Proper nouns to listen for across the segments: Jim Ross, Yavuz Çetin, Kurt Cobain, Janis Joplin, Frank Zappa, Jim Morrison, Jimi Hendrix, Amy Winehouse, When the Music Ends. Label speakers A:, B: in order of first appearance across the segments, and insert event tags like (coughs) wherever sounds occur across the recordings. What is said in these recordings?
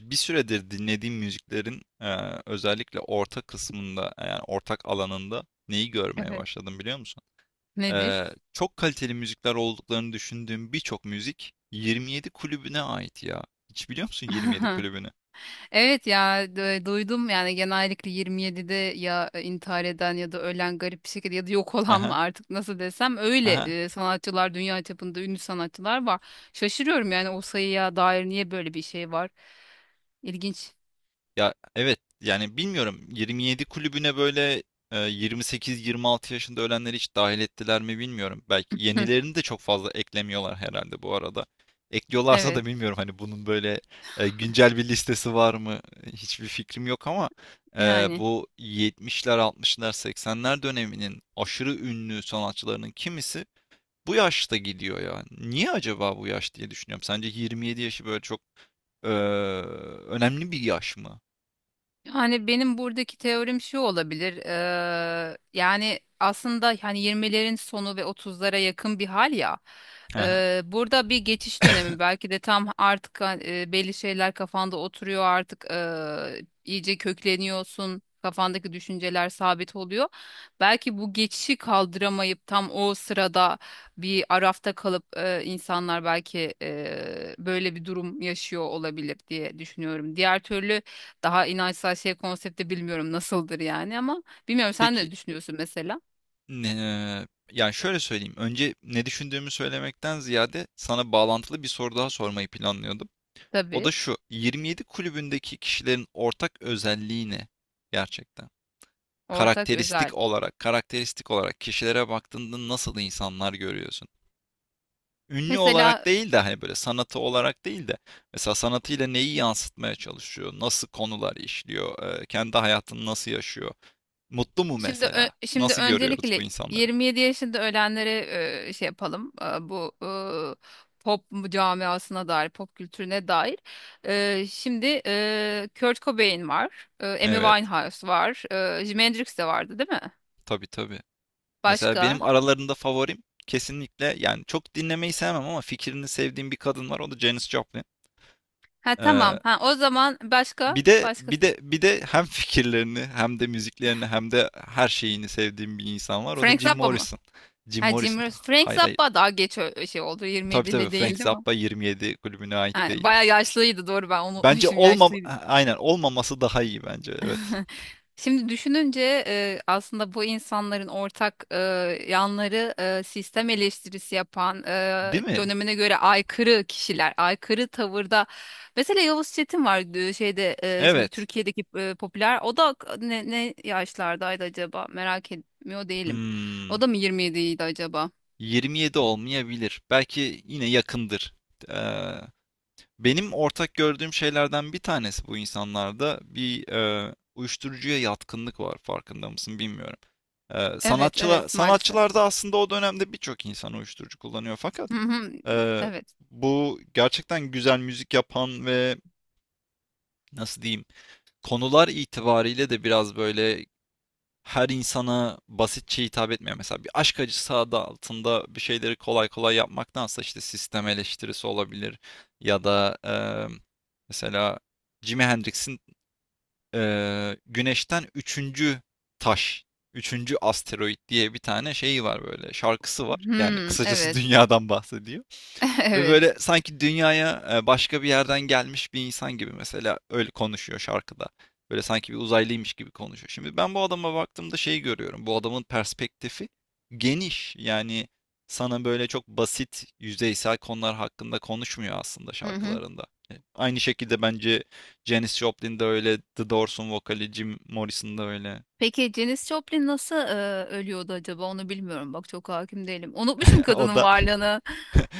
A: Bir süredir dinlediğim müziklerin özellikle orta kısmında yani ortak alanında neyi görmeye
B: Evet.
A: başladım biliyor musun?
B: Nedir?
A: Çok kaliteli müzikler olduklarını düşündüğüm birçok müzik 27 kulübüne ait ya. Hiç biliyor musun 27
B: (laughs)
A: kulübünü?
B: Evet ya duydum yani genellikle 27'de ya intihar eden ya da ölen garip bir şekilde ya da yok olan mı
A: Aha,
B: artık nasıl desem öyle
A: aha.
B: sanatçılar, dünya çapında ünlü sanatçılar var. Şaşırıyorum yani, o sayıya dair niye böyle bir şey var? İlginç.
A: Ya evet yani bilmiyorum 27 kulübüne böyle 28-26 yaşında ölenleri hiç dahil ettiler mi bilmiyorum. Belki yenilerini de çok fazla eklemiyorlar herhalde bu arada.
B: (laughs)
A: Ekliyorlarsa
B: Evet
A: da bilmiyorum hani bunun böyle güncel bir listesi var mı hiçbir fikrim yok ama e,
B: yani.
A: bu 70'ler 60'lar 80'ler döneminin aşırı ünlü sanatçılarının kimisi bu yaşta gidiyor ya. Niye acaba bu yaş diye düşünüyorum. Sence 27 yaşı böyle çok e, önemli bir yaş mı?
B: Yani benim buradaki teorim şu olabilir. Yani aslında hani 20'lerin sonu ve 30'lara yakın bir hal ya.
A: Hı.
B: Burada bir geçiş
A: (laughs)
B: dönemi
A: (coughs)
B: belki de tam artık, belli şeyler kafanda oturuyor artık, iyice kökleniyorsun. Kafandaki düşünceler sabit oluyor. Belki bu geçişi kaldıramayıp tam o sırada bir arafta kalıp, insanlar belki böyle bir durum yaşıyor olabilir diye düşünüyorum. Diğer türlü daha inançsal şey konsepti bilmiyorum nasıldır yani, ama bilmiyorum, sen
A: Peki,
B: ne düşünüyorsun mesela?
A: yani, şöyle söyleyeyim, önce ne düşündüğümü söylemekten ziyade sana bağlantılı bir soru daha sormayı planlıyordum. O da
B: Tabii.
A: şu, 27 kulübündeki kişilerin ortak özelliği ne gerçekten?
B: Ortak özel.
A: Karakteristik olarak, kişilere baktığında nasıl insanlar görüyorsun? Ünlü olarak
B: Mesela
A: değil de, hani, böyle sanatı olarak değil de mesela sanatıyla neyi yansıtmaya çalışıyor? Nasıl konular işliyor? Kendi hayatını nasıl yaşıyor? Mutlu mu mesela?
B: şimdi
A: Nasıl görüyoruz bu
B: öncelikle
A: insanları?
B: 27 yaşında ölenlere şey yapalım. Bu pop camiasına dair, pop kültürüne dair. Şimdi Kurt Cobain var, Amy
A: Evet.
B: Winehouse var, Jimi Hendrix de vardı değil mi?
A: Tabii tabii. Mesela
B: Başka?
A: benim aralarında favorim kesinlikle yani çok dinlemeyi sevmem ama fikrini sevdiğim bir kadın var. O da Janis Joplin.
B: Ha,
A: Ee,
B: tamam. Ha, o zaman
A: bir
B: başka?
A: de
B: Başka?
A: bir de bir de hem (laughs) fikirlerini hem de müziklerini hem de her şeyini sevdiğim bir insan var. O da
B: Frank
A: Jim
B: Zappa mı?
A: Morrison. Jim
B: Ha, Jim
A: Morrison.
B: Ross.
A: Ah,
B: Frank
A: hayır hayır.
B: Zappa daha geç şey oldu.
A: Tabii tabii
B: 27'li
A: Frank
B: değil değil mi?
A: Zappa 27 kulübüne ait
B: Ha,
A: değil.
B: bayağı yaşlıydı, doğru, ben
A: Bence
B: unutmuşum, yaşlıydı.
A: aynen olmaması daha iyi bence. Evet.
B: (laughs) Şimdi düşününce aslında bu insanların ortak yanları, sistem eleştirisi yapan,
A: Değil mi?
B: dönemine göre aykırı kişiler, aykırı tavırda. Mesela Yavuz Çetin var şeyde, şimdi
A: Evet.
B: Türkiye'deki popüler. O da ne yaşlardaydı acaba? Merak etmiyor değilim.
A: Hmm.
B: O da mı 27'ydi acaba?
A: 27 olmayabilir. Belki yine yakındır. Ee, Benim ortak gördüğüm şeylerden bir tanesi bu insanlarda bir uyuşturucuya yatkınlık var. Farkında mısın bilmiyorum. Ee,
B: Evet,
A: sanatçılar
B: evet maalesef.
A: sanatçılarda aslında o dönemde birçok insan uyuşturucu kullanıyor fakat
B: Hı hı,
A: e,
B: evet.
A: bu gerçekten güzel müzik yapan ve nasıl diyeyim konular itibariyle de biraz böyle her insana basitçe hitap etmiyor. Mesela bir aşk acısı adı altında bir şeyleri kolay kolay yapmaktansa işte sistem eleştirisi olabilir ya da mesela Jimi Hendrix'in Güneş'ten üçüncü taş, üçüncü asteroid diye bir tane şeyi var, böyle şarkısı var. Yani
B: Hmm,
A: kısacası (laughs)
B: evet.
A: dünyadan bahsediyor.
B: (laughs)
A: Ve
B: Evet.
A: böyle sanki dünyaya başka bir yerden gelmiş bir insan gibi mesela öyle konuşuyor şarkıda. Böyle sanki bir uzaylıymış gibi konuşuyor. Şimdi ben bu adama baktığımda şeyi görüyorum. Bu adamın perspektifi geniş. Yani sana böyle çok basit, yüzeysel konular hakkında konuşmuyor aslında
B: Hı hı.
A: şarkılarında. Aynı şekilde bence Janis Joplin de öyle, The Doors'un vokali Jim Morrison da öyle.
B: Peki Janis Joplin nasıl ölüyordu acaba? Onu bilmiyorum. Bak, çok hakim değilim. Unutmuşum
A: (laughs) O
B: kadının
A: da.
B: varlığını.
A: (laughs)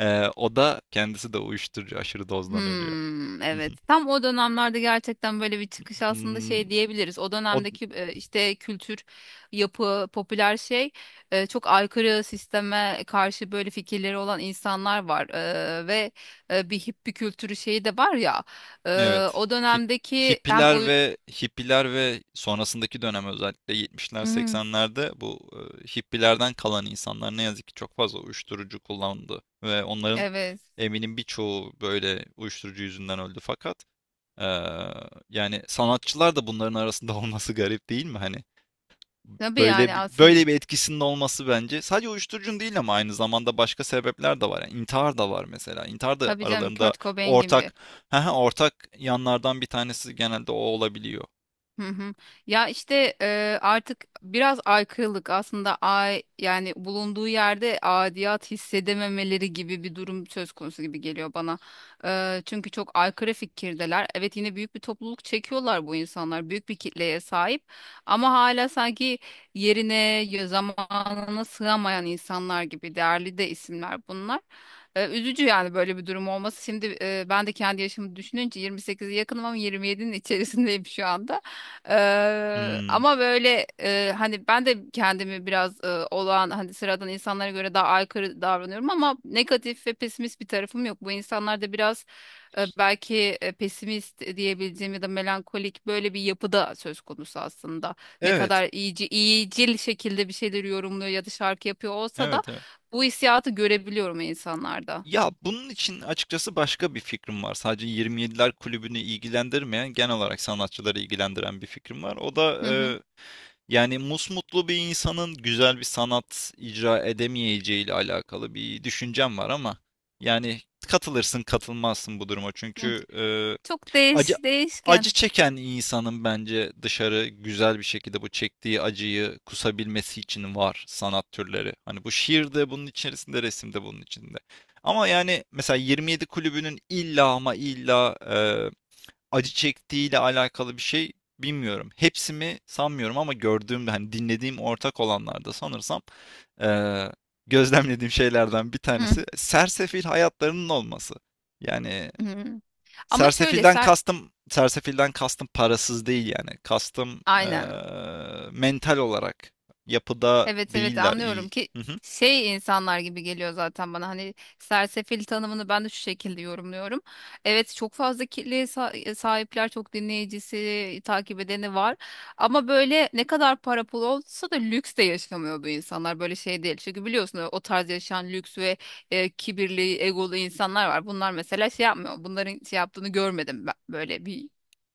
A: O da kendisi de uyuşturucu aşırı dozdan ölüyor.
B: Hmm, evet. Tam o dönemlerde gerçekten böyle bir çıkış aslında, şey
A: (laughs)
B: diyebiliriz. O
A: O.
B: dönemdeki işte kültür, yapı, popüler şey, çok aykırı, sisteme karşı böyle fikirleri olan insanlar var. Ve bir hippie kültürü şeyi de var ya. E,
A: Evet.
B: O
A: Hip
B: dönemdeki hem o...
A: hippiler ve hippiler ve sonrasındaki dönem özellikle 70'ler
B: Hmm,
A: 80'lerde bu hippilerden kalan insanlar ne yazık ki çok fazla uyuşturucu kullandı ve onların
B: evet.
A: eminim birçoğu böyle uyuşturucu yüzünden öldü fakat eee, yani sanatçılar da bunların arasında (laughs) olması garip değil mi? Hani.
B: Tabii yani,
A: Böyle bi
B: aslında
A: böyle bir etkisinin olması bence sadece uyuşturucun değil ama aynı zamanda başka sebepler de var. Yani intihar da var mesela. İntihar da
B: tabii canım,
A: aralarında
B: Kurt Cobain gibi.
A: ortak. (laughs) Hı hı. Ortak yanlardan bir tanesi genelde o olabiliyor.
B: Hı hı. Ya işte artık biraz aykırılık aslında, ay yani, bulunduğu yerde adiyat hissedememeleri gibi bir durum söz konusu gibi geliyor bana. Çünkü çok aykırı fikirdeler. Evet, yine büyük bir topluluk çekiyorlar bu insanlar. Büyük bir kitleye sahip ama hala sanki yerine, zamanına sığamayan insanlar gibi, değerli de isimler bunlar. Üzücü yani böyle bir durum olması. Şimdi ben de kendi yaşımı düşününce 28'e yakınım, ama 27'nin içerisindeyim şu anda.
A: Hmm.
B: Ama böyle hani ben de kendimi biraz olağan, hani sıradan insanlara göre daha aykırı davranıyorum, ama negatif ve pesimist bir tarafım yok. Bu insanlar da biraz belki pesimist diyebileceğim ya da melankolik, böyle bir yapıda söz konusu aslında. Ne
A: Evet.
B: kadar iyicil şekilde bir şeyleri yorumluyor ya da şarkı yapıyor olsa da
A: Evet, evet.
B: bu hissiyatı görebiliyorum insanlarda.
A: Ya bunun için açıkçası başka bir fikrim var. Sadece 27'ler kulübünü ilgilendirmeyen, genel olarak sanatçıları ilgilendiren bir fikrim var. O da
B: Hı hı.
A: yani musmutlu bir insanın güzel bir sanat icra edemeyeceği ile alakalı bir düşüncem var ama yani katılırsın katılmazsın bu duruma.
B: Hı.
A: Çünkü
B: Çok
A: acı
B: değişken.
A: acı çeken insanın bence dışarı güzel bir şekilde bu çektiği acıyı kusabilmesi için var sanat türleri. Hani bu şiir de bunun içerisinde, resim de bunun içinde. Ama yani mesela 27 kulübünün illa ama illa acı çektiğiyle alakalı bir şey bilmiyorum. Hepsi mi sanmıyorum ama gördüğüm hani dinlediğim ortak olanlarda sanırsam eee, gözlemlediğim şeylerden bir
B: Hı
A: tanesi sersefil hayatlarının olması. Yani
B: hı. Ama şöyle
A: sersefilden kastım sersefilden kastım parasız değil yani. Kastım
B: aynen.
A: mental olarak yapıda
B: Evet, evet
A: değiller iyi.
B: anlıyorum ki
A: Hı hı,
B: şey insanlar gibi geliyor zaten bana, hani sersefil tanımını ben de şu şekilde yorumluyorum. Evet, çok fazla kitleye sahipler, çok dinleyicisi, takip edeni var, ama böyle ne kadar para pul olsa da lüks de yaşamıyor bu insanlar, böyle şey değil. Çünkü biliyorsun, o tarz yaşayan lüks ve kibirli, egolu insanlar var, bunlar mesela şey yapmıyor, bunların şey yaptığını görmedim ben, böyle bir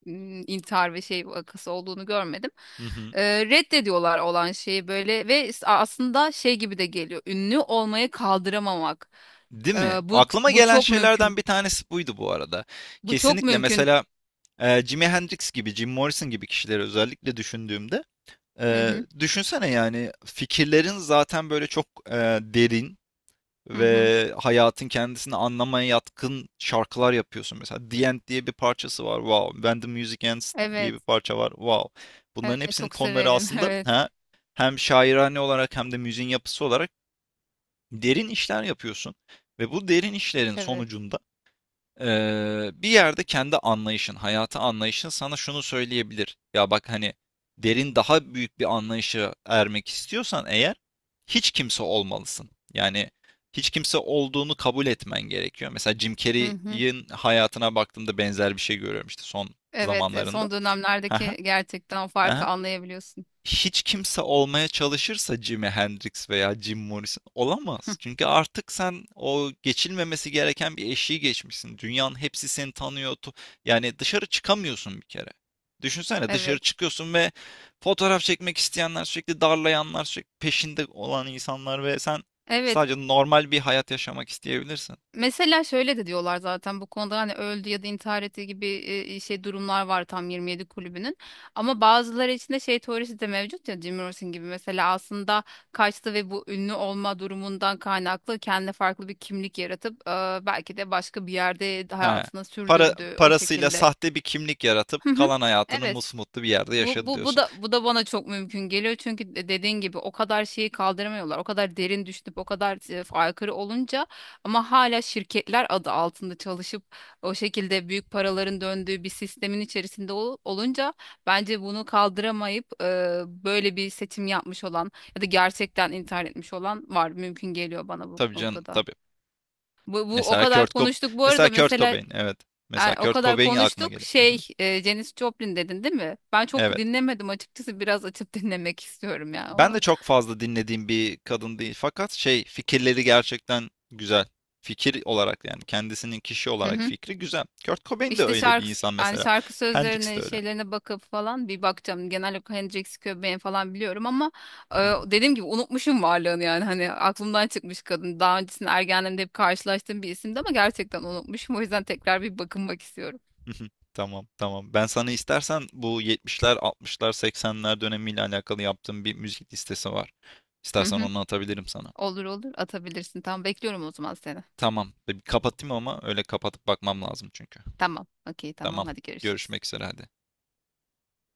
B: intihar ve şey vakası olduğunu görmedim.
A: hı hı.
B: Reddediyorlar olan şeyi böyle, ve aslında şey gibi de geliyor. Ünlü olmayı kaldıramamak.
A: Değil
B: E,
A: mi?
B: bu
A: Aklıma
B: bu
A: gelen
B: çok mümkün.
A: şeylerden bir tanesi buydu bu arada.
B: Bu çok
A: Kesinlikle
B: mümkün.
A: mesela. Jimi Hendrix gibi, Jim Morrison gibi kişileri özellikle düşündüğümde
B: Hı hı.
A: düşünsene yani fikirlerin zaten böyle çok derin
B: Hı hı.
A: ve hayatın kendisini anlamaya yatkın şarkılar yapıyorsun. Mesela The End diye bir parçası var. Wow. When the Music Ends diye
B: Evet.
A: bir parça var. Wow. Bunların
B: Evet,
A: hepsinin
B: çok
A: konuları
B: severim. (laughs)
A: aslında,
B: Evet.
A: hem şairane olarak hem de müziğin yapısı olarak derin işler yapıyorsun. Ve bu derin işlerin
B: Evet.
A: sonucunda bir yerde kendi anlayışın, hayata anlayışın sana şunu söyleyebilir. Ya bak hani derin daha büyük bir anlayışa ermek istiyorsan eğer hiç kimse olmalısın. Yani hiç kimse olduğunu kabul etmen gerekiyor. Mesela Jim
B: Hı hı.
A: Carrey'in hayatına baktığımda benzer bir şey görüyorum işte son
B: Evet,
A: zamanlarında.
B: son dönemlerdeki gerçekten o farkı
A: (laughs)
B: anlayabiliyorsun.
A: Hiç kimse olmaya çalışırsa Jimi Hendrix veya Jim Morrison olamaz. Çünkü artık sen o geçilmemesi gereken bir eşiği geçmişsin. Dünyanın hepsi seni tanıyor. Yani dışarı çıkamıyorsun bir kere. Düşünsene dışarı
B: Evet.
A: çıkıyorsun ve fotoğraf çekmek isteyenler sürekli darlayanlar sürekli peşinde olan insanlar ve sen
B: Evet.
A: sadece normal bir hayat yaşamak isteyebilirsin.
B: Mesela şöyle de diyorlar zaten bu konuda, hani öldü ya da intihar etti gibi şey durumlar var tam, 27 kulübünün. Ama bazıları içinde şey teorisi de mevcut ya, Jim Morrison gibi mesela, aslında kaçtı ve bu ünlü olma durumundan kaynaklı kendine farklı bir kimlik yaratıp belki de başka bir yerde
A: He.
B: hayatını
A: Para,
B: sürdürdü o
A: parasıyla
B: şekilde.
A: sahte bir kimlik
B: Hı
A: yaratıp
B: hı.
A: kalan hayatını
B: Evet.
A: musmutlu bir yerde
B: Bu,
A: yaşadı
B: bu, bu
A: diyorsun.
B: da bu da bana çok mümkün geliyor, çünkü dediğin gibi, o kadar şeyi kaldıramıyorlar. O kadar derin düşünüp o kadar aykırı olunca, ama hala şirketler adı altında çalışıp o şekilde büyük paraların döndüğü bir sistemin içerisinde olunca, bence bunu kaldıramayıp böyle bir seçim yapmış olan ya da gerçekten intihar etmiş olan var. Mümkün geliyor bana bu
A: Tabii canım
B: noktada.
A: tabii.
B: Bu o
A: Mesela
B: kadar
A: Kurt Cob
B: konuştuk. Bu
A: mesela
B: arada
A: Kurt
B: mesela,
A: Cobain, evet. Mesela
B: ay, o
A: Kurt
B: kadar
A: Cobain aklıma
B: konuştuk.
A: geliyor. Hı hı.
B: Janis Joplin dedin değil mi? Ben çok
A: Evet.
B: dinlemedim açıkçası. Biraz açıp (laughs) dinlemek istiyorum ya
A: Ben de
B: onu.
A: çok fazla dinlediğim bir kadın değil fakat şey, fikirleri gerçekten güzel. Fikir olarak yani kendisinin kişi
B: Hı
A: olarak
B: hı.
A: fikri güzel. Kurt Cobain de
B: İşte
A: öyle bir insan mesela.
B: şarkı
A: Hendrix de
B: sözlerine,
A: öyle.
B: şeylerine bakıp falan bir bakacağım. Genel olarak Hendrix, Cobain falan biliyorum, ama e,
A: Hı hı.
B: dediğim gibi unutmuşum varlığını yani. Hani aklımdan çıkmış kadın. Daha öncesinde ergenliğimde hep karşılaştığım bir isimdi, ama gerçekten unutmuşum. O yüzden tekrar bir bakınmak istiyorum.
A: Hı hı. Tamam, tamam. Ben sana istersen bu 70'ler, 60'lar, 80'ler dönemiyle alakalı yaptığım bir müzik listesi var.
B: Hı
A: İstersen
B: hı.
A: onu atabilirim sana.
B: Olur olur, atabilirsin. Tamam, bekliyorum o zaman seni.
A: Tamam. Bir kapatayım ama öyle kapatıp bakmam lazım çünkü.
B: Tamam. Okey, tamam.
A: Tamam.
B: Hadi görüşürüz.
A: Görüşmek üzere hadi.